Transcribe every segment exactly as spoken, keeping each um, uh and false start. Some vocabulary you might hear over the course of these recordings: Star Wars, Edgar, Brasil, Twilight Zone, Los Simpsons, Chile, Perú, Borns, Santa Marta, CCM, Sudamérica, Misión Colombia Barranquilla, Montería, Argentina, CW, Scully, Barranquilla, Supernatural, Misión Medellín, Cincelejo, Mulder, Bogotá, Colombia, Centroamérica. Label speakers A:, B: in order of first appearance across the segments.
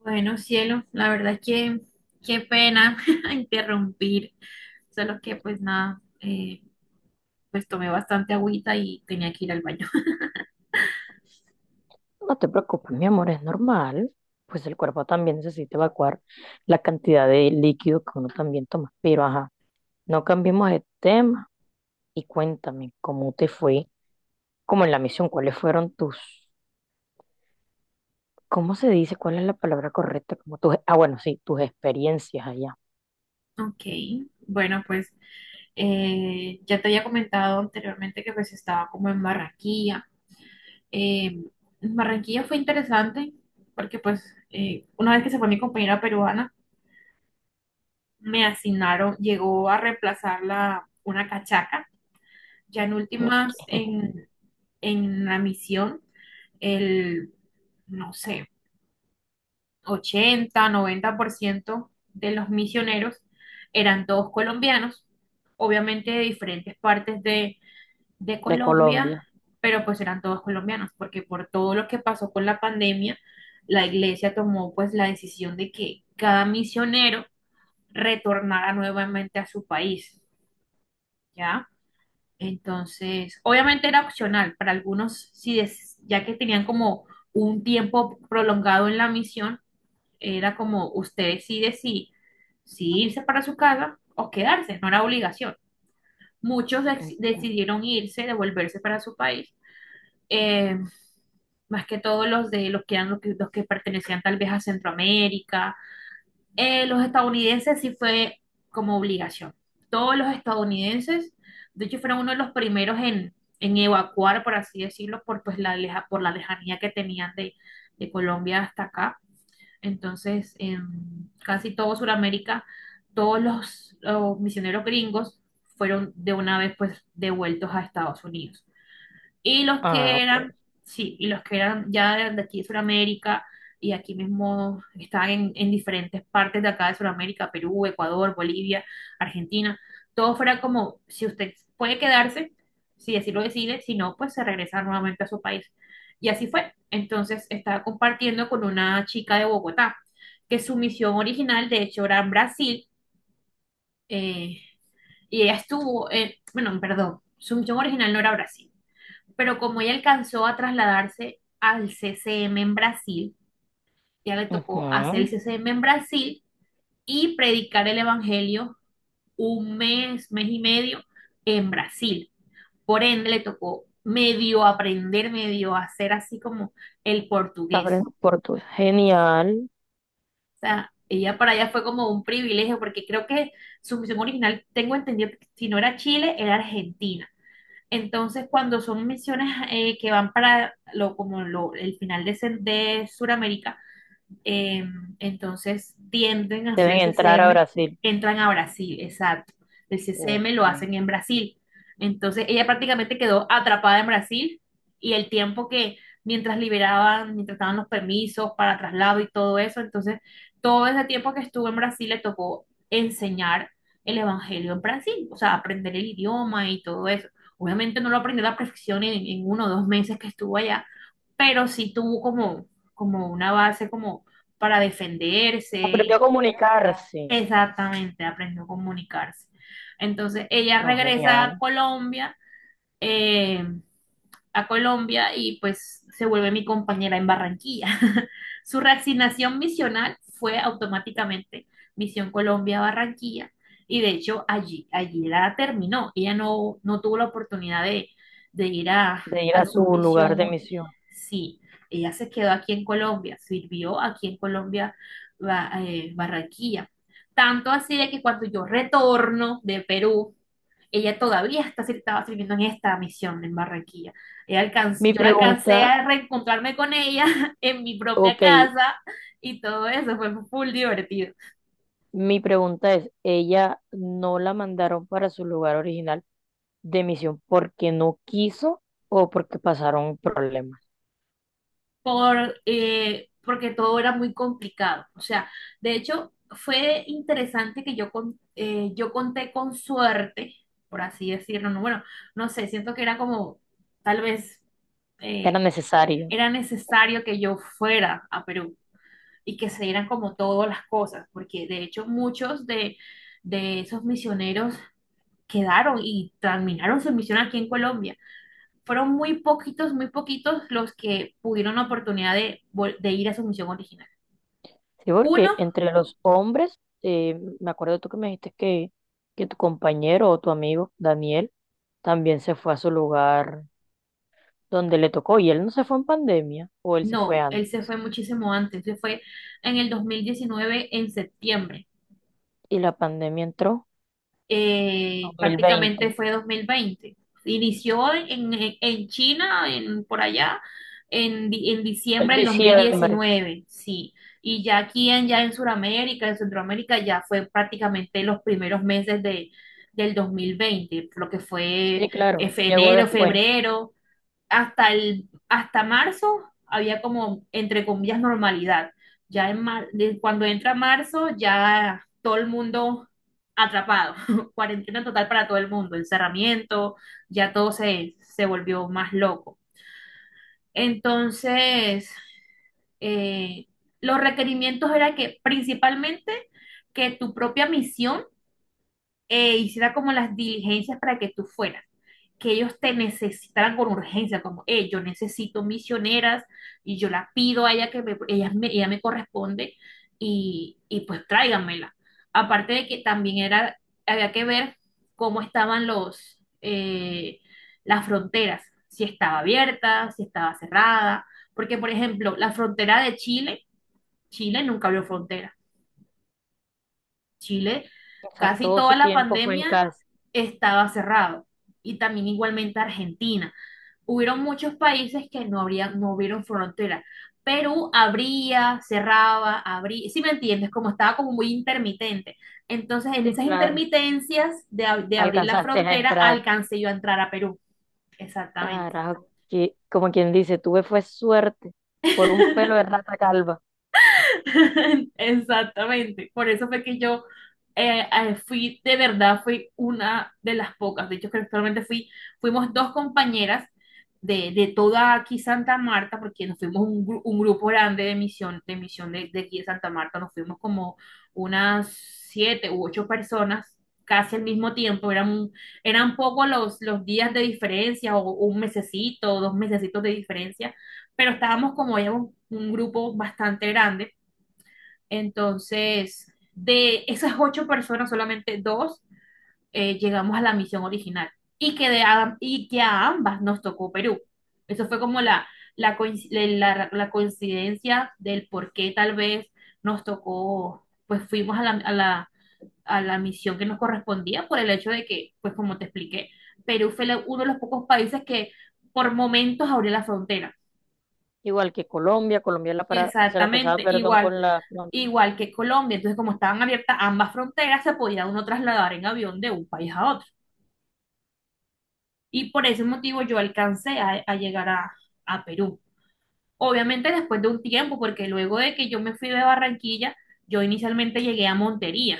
A: Bueno, cielo, la verdad es que qué pena interrumpir, solo que pues nada, eh, pues tomé bastante agüita y tenía que ir al baño.
B: No te preocupes, mi amor, es normal. Pues el cuerpo también necesita evacuar la cantidad de líquido que uno también toma. Pero ajá, no cambiemos de tema y cuéntame cómo te fue, como en la misión, cuáles fueron tus, ¿cómo se dice? ¿Cuál es la palabra correcta? Como tus, ah, bueno, sí, tus experiencias allá.
A: Ok, bueno, pues eh, ya te había comentado anteriormente que pues estaba como en Barranquilla. Eh, Barranquilla fue interesante porque pues eh, una vez que se fue mi compañera peruana, me asignaron, llegó a reemplazarla una cachaca, ya en
B: ¿M?
A: últimas en, en la misión. El, no sé, ochenta noventa por ciento de los misioneros eran todos colombianos, obviamente de diferentes partes de, de
B: De
A: Colombia,
B: Colombia.
A: pero pues eran todos colombianos, porque por todo lo que pasó con la pandemia, la iglesia tomó pues la decisión de que cada misionero retornara nuevamente a su país, ¿ya? Entonces, obviamente era opcional para algunos, si des- ya que tenían como un tiempo prolongado en la misión, era como usted decide si, si irse para su casa o quedarse, no era obligación. Muchos dec-
B: Entiendo.
A: decidieron irse, devolverse para su país. Eh, más que todos los de los que eran los que, los que pertenecían tal vez a Centroamérica. Eh, los estadounidenses sí fue como obligación. Todos los estadounidenses, de hecho, fueron uno de los primeros en, en evacuar, por así decirlo, por, pues, la, leja- por la lejanía que tenían de, de Colombia hasta acá. Entonces, en casi todo Sudamérica, todos los, los misioneros gringos fueron de una vez pues devueltos a Estados Unidos. Y los
B: Ah,
A: que
B: ok.
A: eran, sí, y los que eran ya de, de aquí de Sudamérica, y aquí mismo estaban en, en diferentes partes de acá de Sudamérica: Perú, Ecuador, Bolivia, Argentina, todo fuera como si usted puede quedarse, si así lo decide, si no, pues se regresa nuevamente a su país. Y así fue. Entonces estaba compartiendo con una chica de Bogotá, que su misión original, de hecho, era en Brasil. Eh, y ella estuvo, en- bueno, perdón, su misión original no era Brasil, pero como ella alcanzó a trasladarse al C C M en Brasil, ya le tocó hacer el
B: Ujú.
A: C C M en Brasil y predicar el Evangelio un mes, mes y medio en Brasil. Por ende, le tocó medio aprender, medio hacer así como el portugués.
B: Aprendo portugués. Genial.
A: O sea, ella, para ella fue como un privilegio porque creo que su misión original, tengo entendido, que si no era Chile, era Argentina. Entonces, cuando son misiones eh, que van para lo, como lo- el final de, Cen- de Sudamérica, eh, entonces tienden a hacer
B: Deben
A: el
B: entrar a
A: C C M,
B: Brasil.
A: entran a Brasil, exacto. El C C M
B: Ok.
A: lo hacen en Brasil. Entonces ella prácticamente quedó atrapada en Brasil, y el tiempo que mientras liberaban, mientras daban los permisos para traslado y todo eso, entonces todo ese tiempo que estuvo en Brasil le tocó enseñar el evangelio en Brasil, o sea, aprender el idioma y todo eso. Obviamente no lo aprendió a la perfección en, en, uno o dos meses que estuvo allá, pero sí tuvo como, como una base como para
B: Aprendió a
A: defenderse.
B: comunicarse.
A: Exactamente, aprendió a comunicarse. Entonces ella
B: No,
A: regresa a
B: genial,
A: Colombia, eh, a Colombia, y pues se vuelve mi compañera en Barranquilla. Su reasignación misional fue automáticamente Misión Colombia Barranquilla, y de hecho allí, allí la terminó. Ella no, no tuvo la oportunidad de, de ir a,
B: de ir a
A: a su
B: su lugar de
A: misión.
B: misión.
A: Sí, ella se quedó aquí en Colombia, sirvió aquí en Colombia, Ba- eh, Barranquilla. Tanto así de que cuando yo retorno de Perú, ella todavía está, estaba sirviendo en esta misión en Barranquilla. Ella alcan-
B: Mi
A: yo la alcancé
B: pregunta,
A: a reencontrarme con ella en mi propia
B: ok,
A: casa, y todo eso fue full divertido,
B: mi pregunta es, ¿ella no la mandaron para su lugar original de misión porque no quiso o porque pasaron problemas?
A: por, eh, porque todo era muy complicado. O sea, de hecho, fue interesante que yo, con- eh, yo conté con suerte, por así decirlo. No, bueno, no sé, siento que era como, tal vez
B: Era
A: eh,
B: necesario,
A: era necesario que yo fuera a Perú y que se dieran como todas las cosas, porque de hecho muchos de de esos misioneros quedaron y terminaron su misión aquí en Colombia. Fueron muy poquitos, muy poquitos los que pudieron la oportunidad de, vol- de ir a su misión original.
B: ¿sí?
A: Uno,
B: Porque entre los hombres, eh, me acuerdo tú que me dijiste que, que tu compañero o tu amigo, Daniel, también se fue a su lugar donde le tocó y él no se fue en pandemia o él se fue
A: no,
B: antes
A: él se fue muchísimo antes, se fue en el dos mil diecinueve en septiembre.
B: y la pandemia entró en
A: eh,
B: dos mil veinte.
A: prácticamente fue dos mil veinte. Inició en, en- en China, en, por allá, en, di- en
B: El
A: diciembre del
B: diciembre,
A: dos mil diecinueve, sí. Y ya aquí en, ya en Sudamérica, en Centroamérica, ya fue prácticamente los primeros meses de, del dos mil veinte, lo que fue
B: sí,
A: eh,
B: claro,
A: fe-
B: llegó
A: enero,
B: después.
A: febrero, hasta el, hasta marzo había como, entre comillas, normalidad. Ya en mar- de- cuando entra marzo, ya todo el mundo atrapado, cuarentena total para todo el mundo, encerramiento, ya todo se, se volvió más loco. Entonces, eh, los requerimientos era que principalmente que tu propia misión eh, hiciera como las diligencias para que tú fueras, que ellos te necesitaran con urgencia, como, eh, yo necesito misioneras y yo la pido a ella que me, ella me, ella me corresponde, y, y pues tráiganmela. Aparte de que también era, había que ver cómo estaban los, eh, las fronteras, si estaba abierta, si estaba cerrada, porque por ejemplo, la frontera de Chile, Chile nunca abrió frontera. Chile,
B: O sea,
A: casi
B: todo su
A: toda la
B: tiempo fue en
A: pandemia
B: casa.
A: estaba cerrado, y también igualmente Argentina. Hubieron muchos países que no habría, no hubieron frontera. Perú abría, cerraba, abría, si me entiendes, como estaba como muy intermitente. Entonces, en
B: Sí,
A: esas
B: claro,
A: intermitencias de, ab- de abrir la
B: alcanzaste a
A: frontera,
B: entrar.
A: alcancé yo a entrar a Perú. Exactamente.
B: Carajo, que, como quien dice, tuve fue suerte por un pelo de rata calva.
A: Exactamente, por eso fue que yo eh, eh, fui, de verdad, fui una de las pocas, de hecho creo que actualmente fui, fuimos dos compañeras de, de toda aquí Santa Marta, porque nos fuimos un, gru- un grupo grande de misión, de misión de, de aquí de Santa Marta, nos fuimos como unas siete u ocho personas casi al mismo tiempo, eran, eran pocos los, los días de diferencia, o un mesecito, o dos mesecitos de diferencia, pero estábamos como, éramos un grupo bastante grande. Entonces, de esas ocho personas, solamente dos eh, llegamos a la misión original, y que, de a, y que a ambas nos tocó Perú. Eso fue como la, la, coinc- la- la coincidencia del por qué tal vez nos tocó, pues fuimos a la, a la, a la misión que nos correspondía por el hecho de que, pues como te expliqué, Perú fue la- uno de los pocos países que por momentos abrió la frontera.
B: Igual que Colombia, Colombia la para- se la pasaba,
A: Exactamente,
B: perdón,
A: igual.
B: con la... No,
A: Igual que Colombia. Entonces, como estaban abiertas ambas fronteras, se podía uno trasladar en avión de un país a otro. Y por ese motivo yo alcancé a, a llegar a, a Perú. Obviamente después de un tiempo, porque luego de que yo me fui de Barranquilla, yo inicialmente llegué a Montería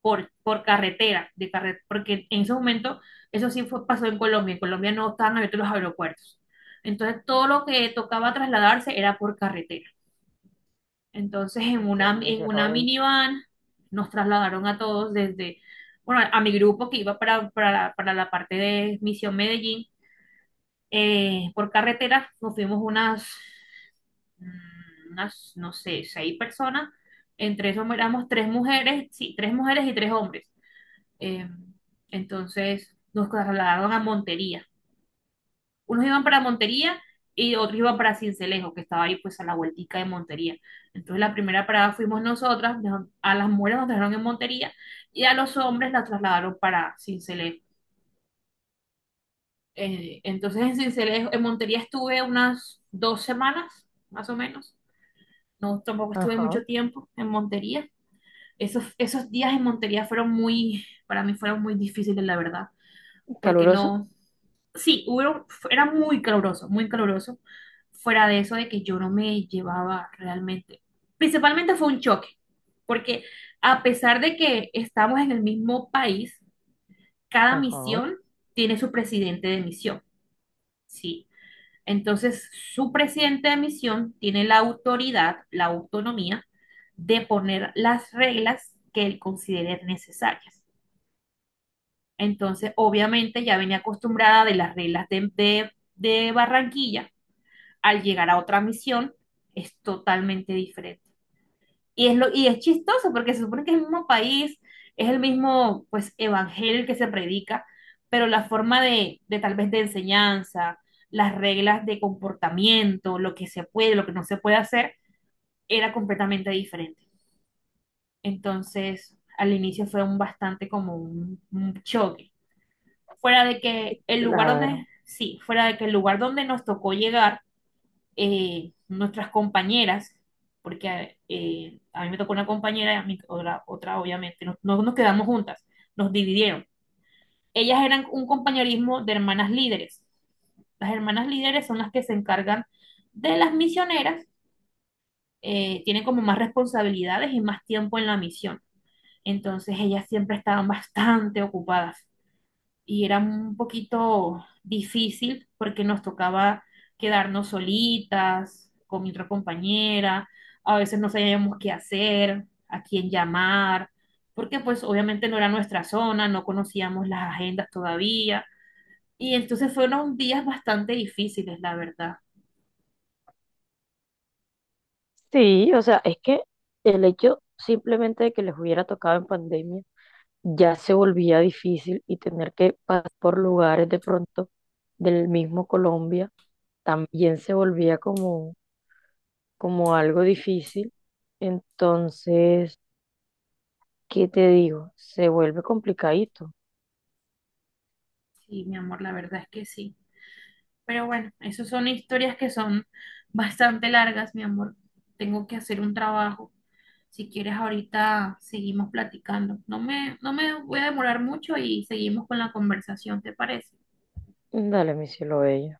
A: por, por carretera, de carre- porque en ese momento eso sí fue, pasó en Colombia. En Colombia no estaban abiertos los aeropuertos. Entonces todo lo que tocaba trasladarse era por carretera. Entonces, en
B: entiendo,
A: una,
B: me
A: en
B: dice, no,
A: una
B: ven.
A: minivan nos trasladaron a todos desde, bueno, a mi grupo que iba para, para, para la parte de Misión Medellín, eh, por carretera nos fuimos unas, mm, unas, no sé, seis personas, entre eso éramos tres mujeres, sí, tres mujeres y tres hombres. Eh, entonces, nos trasladaron a Montería, unos iban para Montería y otros iban para Cincelejo, que estaba ahí pues a la vueltica de Montería. Entonces la primera parada fuimos nosotras, nos- a las mujeres nos dejaron en Montería y a los hombres la trasladaron para Cincelejo. Eh, entonces en Cincelejo, en Montería estuve unas dos semanas, más o menos. No, tampoco estuve
B: Ajá,
A: mucho tiempo en Montería. Esos, esos días en Montería fueron muy, para mí fueron muy difíciles, la verdad, porque
B: caluroso.
A: no, sí, hubo, era muy caluroso, muy caluroso. Fuera de eso de que yo no me llevaba realmente. Principalmente fue un choque, porque a pesar de que estamos en el mismo país, cada
B: Ajá,
A: misión tiene su presidente de misión, ¿sí? Entonces, su presidente de misión tiene la autoridad, la autonomía de poner las reglas que él considere necesarias. Entonces, obviamente ya venía acostumbrada de las reglas de, de de Barranquilla, al llegar a otra misión es totalmente diferente. Y es, lo, y es chistoso porque se supone que es el mismo país, es el mismo pues evangelio que se predica, pero la forma de, de tal vez de enseñanza, las reglas de comportamiento, lo que se puede, lo que no se puede hacer, era completamente diferente. Entonces, al inicio fue un bastante como un, un choque. Fuera de que el lugar donde,
B: claro.
A: sí, fuera de que el lugar donde nos tocó llegar, eh, nuestras compañeras, porque eh, a mí me tocó una compañera y a mí otra, otra obviamente, no, no nos quedamos juntas, nos dividieron. Ellas eran un compañerismo de hermanas líderes. Las hermanas líderes son las que se encargan de las misioneras, eh, tienen como más responsabilidades y más tiempo en la misión. Entonces ellas siempre estaban bastante ocupadas, y era un poquito difícil porque nos tocaba quedarnos solitas con mi otra compañera, a veces no sabíamos qué hacer, a quién llamar, porque pues obviamente no era nuestra zona, no conocíamos las agendas todavía, y entonces fueron días bastante difíciles, la verdad.
B: Sí, o sea, es que el hecho simplemente de que les hubiera tocado en pandemia ya se volvía difícil y tener que pasar por lugares de pronto del mismo Colombia también se volvía como, como algo difícil. Entonces, ¿qué te digo? Se vuelve complicadito.
A: Sí, mi amor, la verdad es que sí. Pero bueno, esas son historias que son bastante largas, mi amor. Tengo que hacer un trabajo. Si quieres, ahorita seguimos platicando. No me, no me voy a demorar mucho, y seguimos con la conversación, ¿te parece?
B: Dale, mi cielo bello.